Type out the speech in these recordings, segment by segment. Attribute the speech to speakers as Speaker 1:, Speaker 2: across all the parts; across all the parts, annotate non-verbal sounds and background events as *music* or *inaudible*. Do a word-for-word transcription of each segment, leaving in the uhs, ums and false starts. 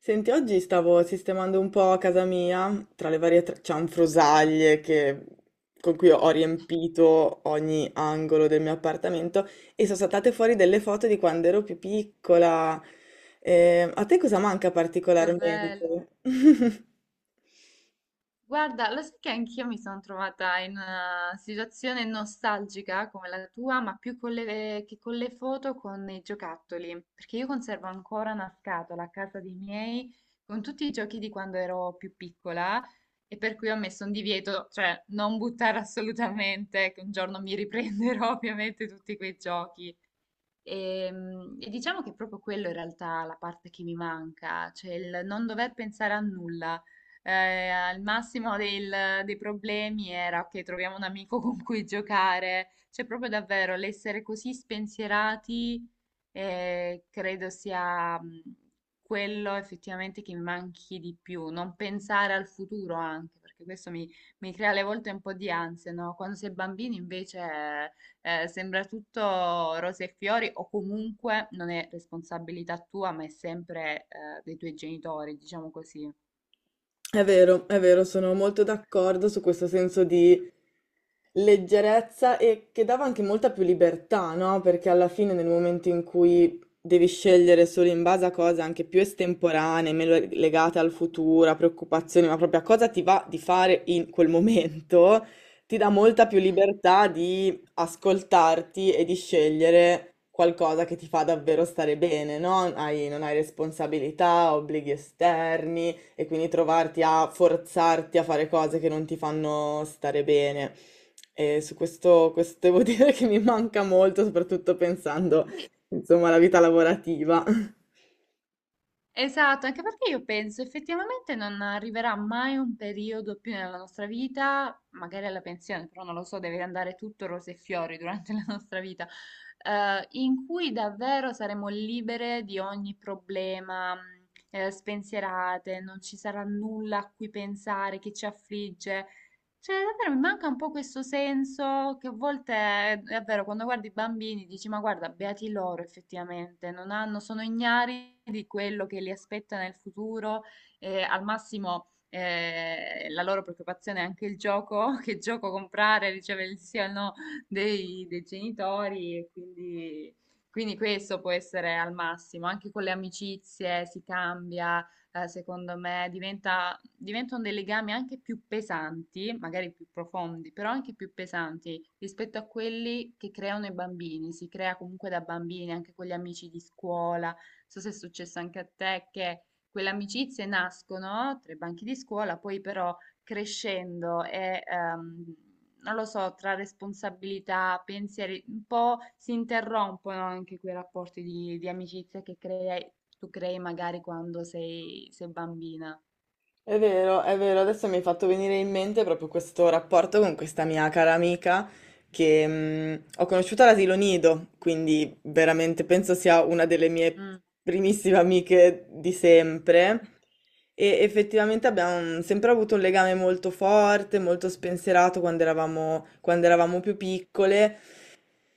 Speaker 1: Senti, oggi stavo sistemando un po' a casa mia, tra le varie tra- cianfrusaglie che- con cui ho riempito ogni angolo del mio appartamento e sono saltate fuori delle foto di quando ero più piccola. Eh, a te cosa manca
Speaker 2: Che bello.
Speaker 1: particolarmente? *laughs*
Speaker 2: Guarda, lo sai che anch'io mi sono trovata in una situazione nostalgica come la tua, ma più con le, che con le foto, con i giocattoli, perché io conservo ancora una scatola a casa dei miei con tutti i giochi di quando ero più piccola e per cui ho messo un divieto, cioè non buttare *laughs* assolutamente, che un giorno mi riprenderò *laughs* ovviamente tutti quei giochi. E, mm, e diciamo che è proprio quello in realtà la parte che mi manca, cioè il non dover pensare a nulla. Eh, al massimo del- dei problemi era ok, troviamo un amico *laughs* con cui giocare. Cioè, proprio davvero l'essere così spensierati, eh, credo sia mm, quello effettivamente che mi manchi di più. Non pensare al futuro anche, perché questo mi, mi crea alle volte un po' di ansia, no? Quando si è bambini invece eh, sembra tutto rose e fiori o comunque non è responsabilità tua, ma è sempre eh, dei tuoi genitori, diciamo così.
Speaker 1: È vero, è vero, sono molto d'accordo su questo senso di leggerezza e che dava anche molta più libertà, no? Perché alla fine nel momento in cui devi scegliere solo in base a cose anche più estemporanee, meno legate al futuro, a preoccupazioni, ma proprio a cosa ti va di fare in quel momento, ti dà molta più libertà di ascoltarti e di scegliere qualcosa che ti fa davvero stare bene, no? Hai- non hai responsabilità, obblighi esterni e quindi trovarti a forzarti a fare cose che non ti fanno stare bene. E su questo, questo devo *laughs* dire che mi manca molto, soprattutto pensando,
Speaker 2: Sì.
Speaker 1: insomma, alla vita lavorativa.
Speaker 2: Esatto, anche perché io penso effettivamente non arriverà mai un periodo più nella nostra vita, magari alla pensione, però non lo so, deve andare tutto rose e fiori durante *laughs* la nostra vita, eh, in cui davvero saremo libere di ogni problema, mh, eh, spensierate, non ci sarà nulla a cui pensare, che ci affligge. Cioè, davvero mi manca un po' questo senso che a volte è è vero, quando guardi i bambini dici, ma guarda, beati loro effettivamente, non hanno, sono ignari di quello che li aspetta nel futuro, e al massimo eh, la loro preoccupazione è anche il gioco, *laughs* che gioco comprare, riceve il sì o il no dei, dei genitori, e quindi, quindi questo può essere al massimo, anche con le amicizie si cambia eh, secondo me diventa diventano dei legami anche più pesanti, magari più profondi, però anche più pesanti rispetto a quelli che creano i bambini. Si crea comunque da bambini anche con gli amici di scuola. Non so se è successo anche a te che quelle amicizie nascono tra i banchi di scuola, poi però crescendo e ehm, non lo so, tra responsabilità, pensieri, un po' si interrompono anche quei rapporti di, di amicizia che crei- tu crei magari quando sei, sei bambina.
Speaker 1: È vero, è vero, adesso mi hai fatto venire in mente proprio questo rapporto con questa mia cara amica che mh, ho conosciuto all'asilo nido, quindi veramente penso sia una delle mie
Speaker 2: Mm.
Speaker 1: primissime amiche di sempre. E effettivamente abbiamo sempre avuto un legame molto forte, molto spensierato quando eravamo, quando eravamo più piccole.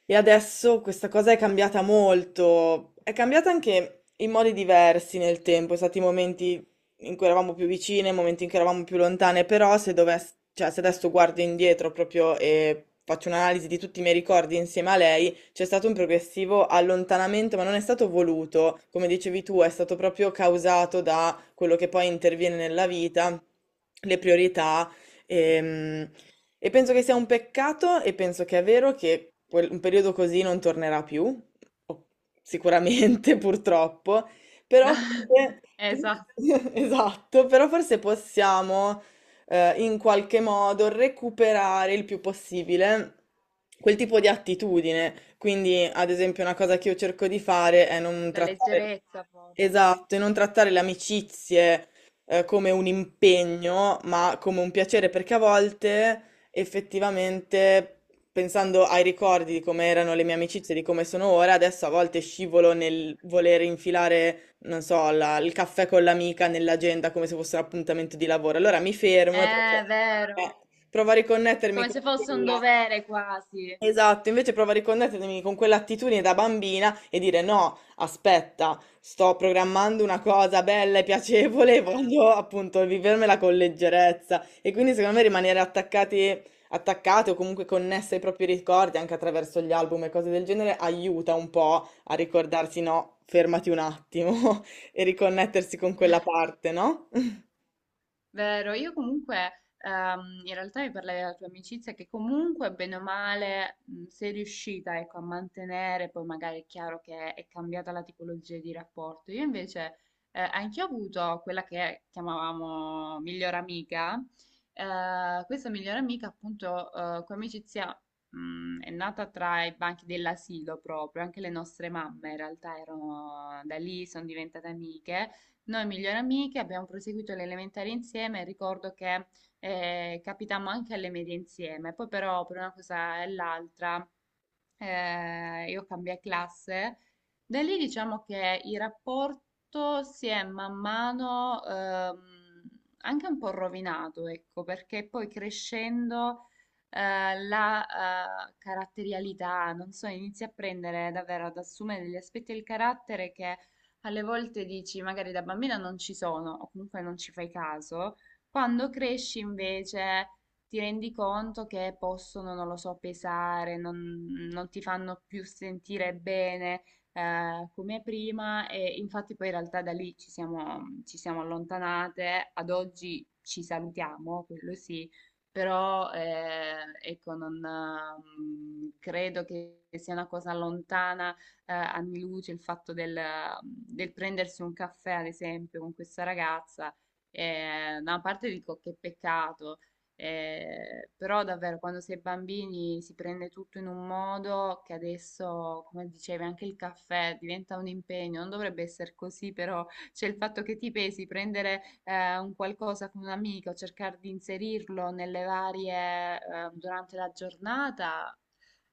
Speaker 1: E adesso questa cosa è cambiata molto, è cambiata anche in modi diversi nel tempo, sono stati momenti in cui eravamo più vicine, momenti in cui eravamo più lontane, però se dovess- cioè, se adesso guardo indietro proprio e faccio un'analisi di tutti i miei ricordi insieme a lei, c'è stato un progressivo allontanamento, ma non è stato voluto, come dicevi tu, è stato proprio causato da quello che poi interviene nella vita, le priorità. Ehm, e penso che sia un peccato e penso che è vero che quel- un periodo così non tornerà più, o- sicuramente *laughs* purtroppo, però forse,
Speaker 2: *laughs*
Speaker 1: *laughs*
Speaker 2: Esatto,
Speaker 1: esatto, però forse possiamo eh, in qualche modo recuperare il più possibile quel tipo di attitudine. Quindi, ad esempio, una cosa che io cerco di fare è non
Speaker 2: la
Speaker 1: trattare,
Speaker 2: leggerezza forse.
Speaker 1: esatto, e non trattare le amicizie eh, come un impegno, ma come un piacere, perché a volte effettivamente, pensando ai ricordi di come erano le mie amicizie, di come sono ora, adesso a volte scivolo nel voler infilare, non so, la- il caffè con l'amica nell'agenda come se fosse un appuntamento di lavoro. Allora mi fermo e
Speaker 2: Eh. È
Speaker 1: provo,
Speaker 2: vero,
Speaker 1: eh, provo a riconnettermi
Speaker 2: come se
Speaker 1: con
Speaker 2: fosse un
Speaker 1: quella.
Speaker 2: dovere quasi.
Speaker 1: Esatto, invece prova a riconnettermi con quell'attitudine da bambina e dire no, aspetta, sto programmando una cosa bella e piacevole *laughs* e
Speaker 2: Eh.
Speaker 1: voglio appunto vivermela con leggerezza. E quindi secondo me rimanere attaccati, attaccate o comunque connesse ai propri ricordi anche attraverso gli album e cose del genere aiuta un po' a ricordarsi no, fermati un attimo *laughs* e riconnettersi con quella parte, no? *laughs*
Speaker 2: Vero, io comunque ehm, in realtà mi parlavi della tua amicizia che comunque bene o male mh, sei riuscita ecco, a mantenere, poi magari è chiaro che è cambiata la tipologia di rapporto. Io invece eh, anche ho avuto quella che chiamavamo miglior amica. Eh, questa miglior amica appunto eh, come amicizia mh, è nata tra i banchi dell'asilo proprio, anche le nostre mamme in realtà erano da lì, sono diventate amiche. Noi migliori amiche abbiamo proseguito le elementari insieme e ricordo che eh, capitammo anche alle medie insieme, poi però per una cosa e l'altra eh, io cambiai classe, da lì diciamo che il rapporto si è man mano ehm, anche un po' rovinato, ecco, perché poi crescendo eh, la eh, caratterialità, non so, inizia a prendere davvero, ad assumere degli aspetti del carattere che alle volte dici magari da bambina non ci sono o comunque non ci fai caso, quando cresci invece ti rendi conto che possono, non lo so, pesare, non, non ti fanno più sentire bene eh, come prima e infatti poi in realtà da lì ci siamo, ci siamo allontanate, ad oggi ci salutiamo, quello sì. Però eh, ecco, non, ehm, credo che sia una cosa lontana eh, anni luce il fatto del, mhmm, del prendersi un caffè, ad esempio, con questa ragazza. Eh, da una parte dico che peccato, eh, però davvero quando si è bambini si prende tutto in un modo che adesso, come dicevi, anche il caffè diventa un impegno, non dovrebbe essere così, però c'è il fatto che ti pesi, prendere eh, un qualcosa con un'amica o cercare di inserirlo nelle varie, eh, durante la giornata.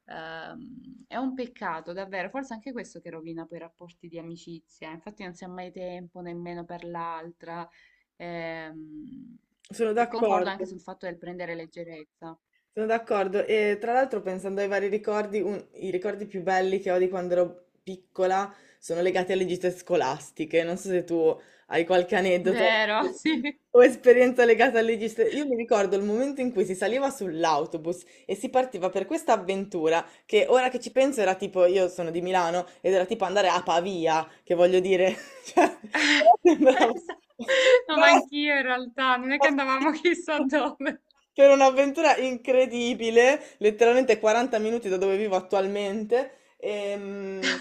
Speaker 2: Ehm, è un peccato, davvero, forse anche questo che rovina poi i rapporti di amicizia. Infatti non si ha mai tempo nemmeno per l'altra. Ehm,
Speaker 1: Sono
Speaker 2: e concordo anche
Speaker 1: d'accordo.
Speaker 2: sul fatto del prendere leggerezza.
Speaker 1: Sono d'accordo e tra l'altro pensando ai vari ricordi, un- i ricordi più belli che ho di quando ero piccola sono legati alle gite scolastiche. Non so se tu hai qualche aneddoto
Speaker 2: Vero, sì.
Speaker 1: *laughs* o esperienza legata alle gite. Io mi ricordo il momento in cui si saliva sull'autobus e si partiva per questa avventura che ora che ci penso era tipo, io sono di Milano ed era tipo andare a Pavia, che voglio dire, *laughs* cioè,
Speaker 2: *laughs*
Speaker 1: però sembrava
Speaker 2: Esatto.
Speaker 1: *laughs*
Speaker 2: No,
Speaker 1: Ma
Speaker 2: ma anch'io in realtà, non è che andavamo *laughs* chissà dove.
Speaker 1: per un'avventura incredibile, letteralmente quaranta minuti da dove vivo attualmente. ehm,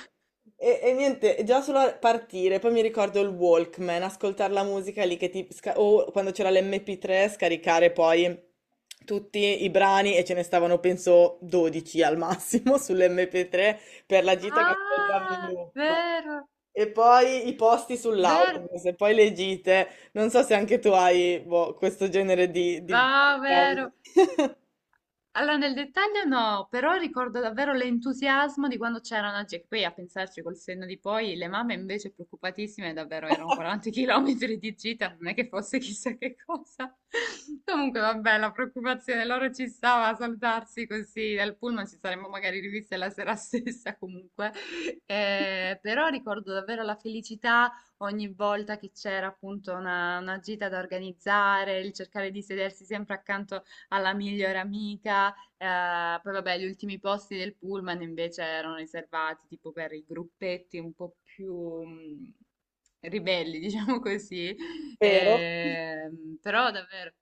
Speaker 1: E, e niente, già solo a partire, poi mi ricordo il Walkman, ascoltare la musica lì che ti... sca- o quando c'era l'M P tre scaricare poi tutti i brani e ce ne stavano penso dodici al massimo *laughs* sull'M P tre per la gita che ascoltavi in
Speaker 2: Ah,
Speaker 1: loop.
Speaker 2: vero,
Speaker 1: E poi i posti
Speaker 2: vero,
Speaker 1: sull'autobus, e poi le gite. Non so se anche tu hai, boh, questo genere di... di...
Speaker 2: va, vero.
Speaker 1: *laughs*
Speaker 2: Allora, nel dettaglio no, però ricordo davvero l'entusiasmo di quando c'erano, oggi, che poi a pensarci col senno di poi, le mamme invece preoccupatissime, davvero erano quaranta chilometri *laughs* di gita, non è che fosse chissà che cosa. *laughs* Comunque, vabbè, la preoccupazione loro ci stava a salutarsi così dal pullman, ci saremmo magari riviste la sera *laughs* stessa comunque. Eh, però ricordo davvero la felicità ogni volta che c'era appunto una, una gita da organizzare, il cercare di sedersi sempre accanto alla migliore amica, eh, poi vabbè, gli ultimi posti del pullman invece erano riservati tipo per i gruppetti un po' più mh, ribelli, *laughs* diciamo così.
Speaker 1: Vero?
Speaker 2: Ehm, però davvero.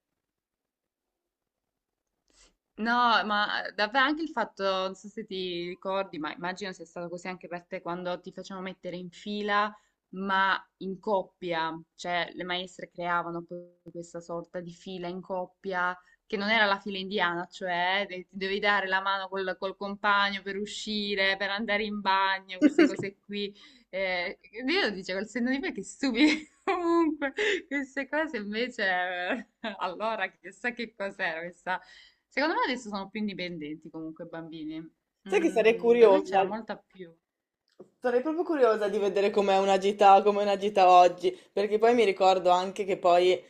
Speaker 2: No, ma eh, davvero anche il fatto, non so se ti ricordi, ma immagino sia stato così anche per te quando ti facevano mettere in fila, ma in coppia, cioè le maestre creavano poi questa sorta di fila in coppia, che non era la fila indiana, cioè eh, de- ti dovevi dare la mano col, col compagno per uscire, per andare in bagno, queste cose qui. Eh, io lo dicevo, col senno di poi che stupido. Comunque, queste cose invece, eh, *laughs* allora chissà che cos'era questa. Secondo me adesso sono più indipendenti comunque i bambini.
Speaker 1: Sai che sarei
Speaker 2: Mm, da noi c'era
Speaker 1: curiosa?
Speaker 2: molta più.
Speaker 1: Sarei proprio curiosa di vedere com'è una gita, com'è una gita oggi, perché poi mi ricordo anche che poi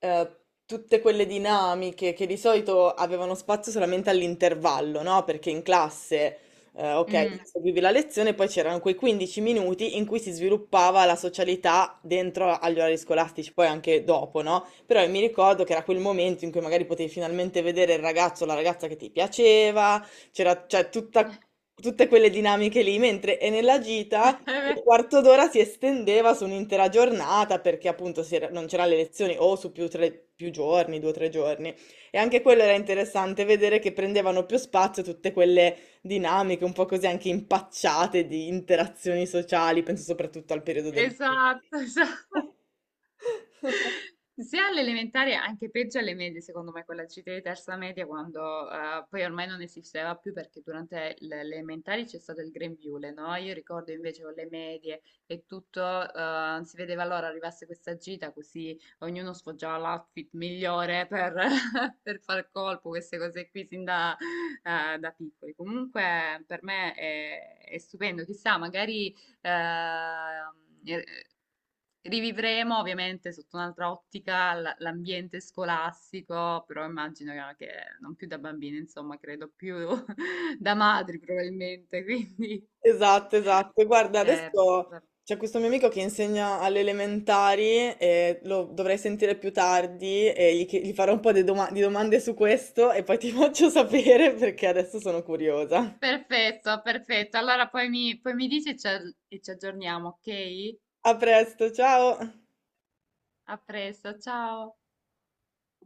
Speaker 1: eh, tutte quelle dinamiche che di solito avevano spazio solamente all'intervallo, no? Perché in classe, eh, ok,
Speaker 2: Mm.
Speaker 1: seguivi la lezione, poi c'erano quei quindici minuti in cui si sviluppava la socialità dentro agli orari scolastici, poi anche dopo, no? Però mi ricordo che era quel momento in cui magari potevi finalmente vedere il ragazzo o la ragazza che ti piaceva c'era, cioè, tutta- tutte quelle dinamiche lì, mentre e nella gita un
Speaker 2: *laughs*
Speaker 1: quarto d'ora si estendeva su un'intera giornata perché appunto si era- non c'erano le lezioni o su più, tre- più giorni, due o tre giorni. E anche quello era interessante vedere che prendevano più spazio tutte quelle dinamiche, un po' così anche impacciate di interazioni sociali, penso soprattutto al periodo del...
Speaker 2: Esatto, esatto.
Speaker 1: *laughs*
Speaker 2: Sia all'elementare, anche peggio alle medie, secondo me, con la gita di terza media, quando eh, poi ormai non esisteva più perché durante l- le elementari c'è stato il grembiule, no? Io ricordo invece con le medie e tutto, eh, si vedeva allora arrivasse questa gita così ognuno sfoggiava l'outfit migliore per, *laughs* per far colpo, queste cose qui sin da, eh, da piccoli. Comunque per me è, è stupendo, chissà, magari. Ehm, e- Rivivremo ovviamente sotto un'altra ottica l- l'ambiente scolastico, però immagino che non più da bambini, insomma, credo più *laughs* da madri probabilmente, *laughs* quindi...
Speaker 1: Esatto, esatto. Guarda,
Speaker 2: Eh,
Speaker 1: adesso
Speaker 2: va-
Speaker 1: c'è questo mio amico che insegna alle elementari e lo dovrei sentire più tardi e gli, chie- gli farò un po' di doma- di domande su questo e poi ti *laughs* faccio sapere perché adesso sono curiosa.
Speaker 2: Perfetto, perfetto. Allora poi mi, poi mi dici e ci e ci aggiorniamo, ok?
Speaker 1: A presto, ciao!
Speaker 2: A presto, ciao.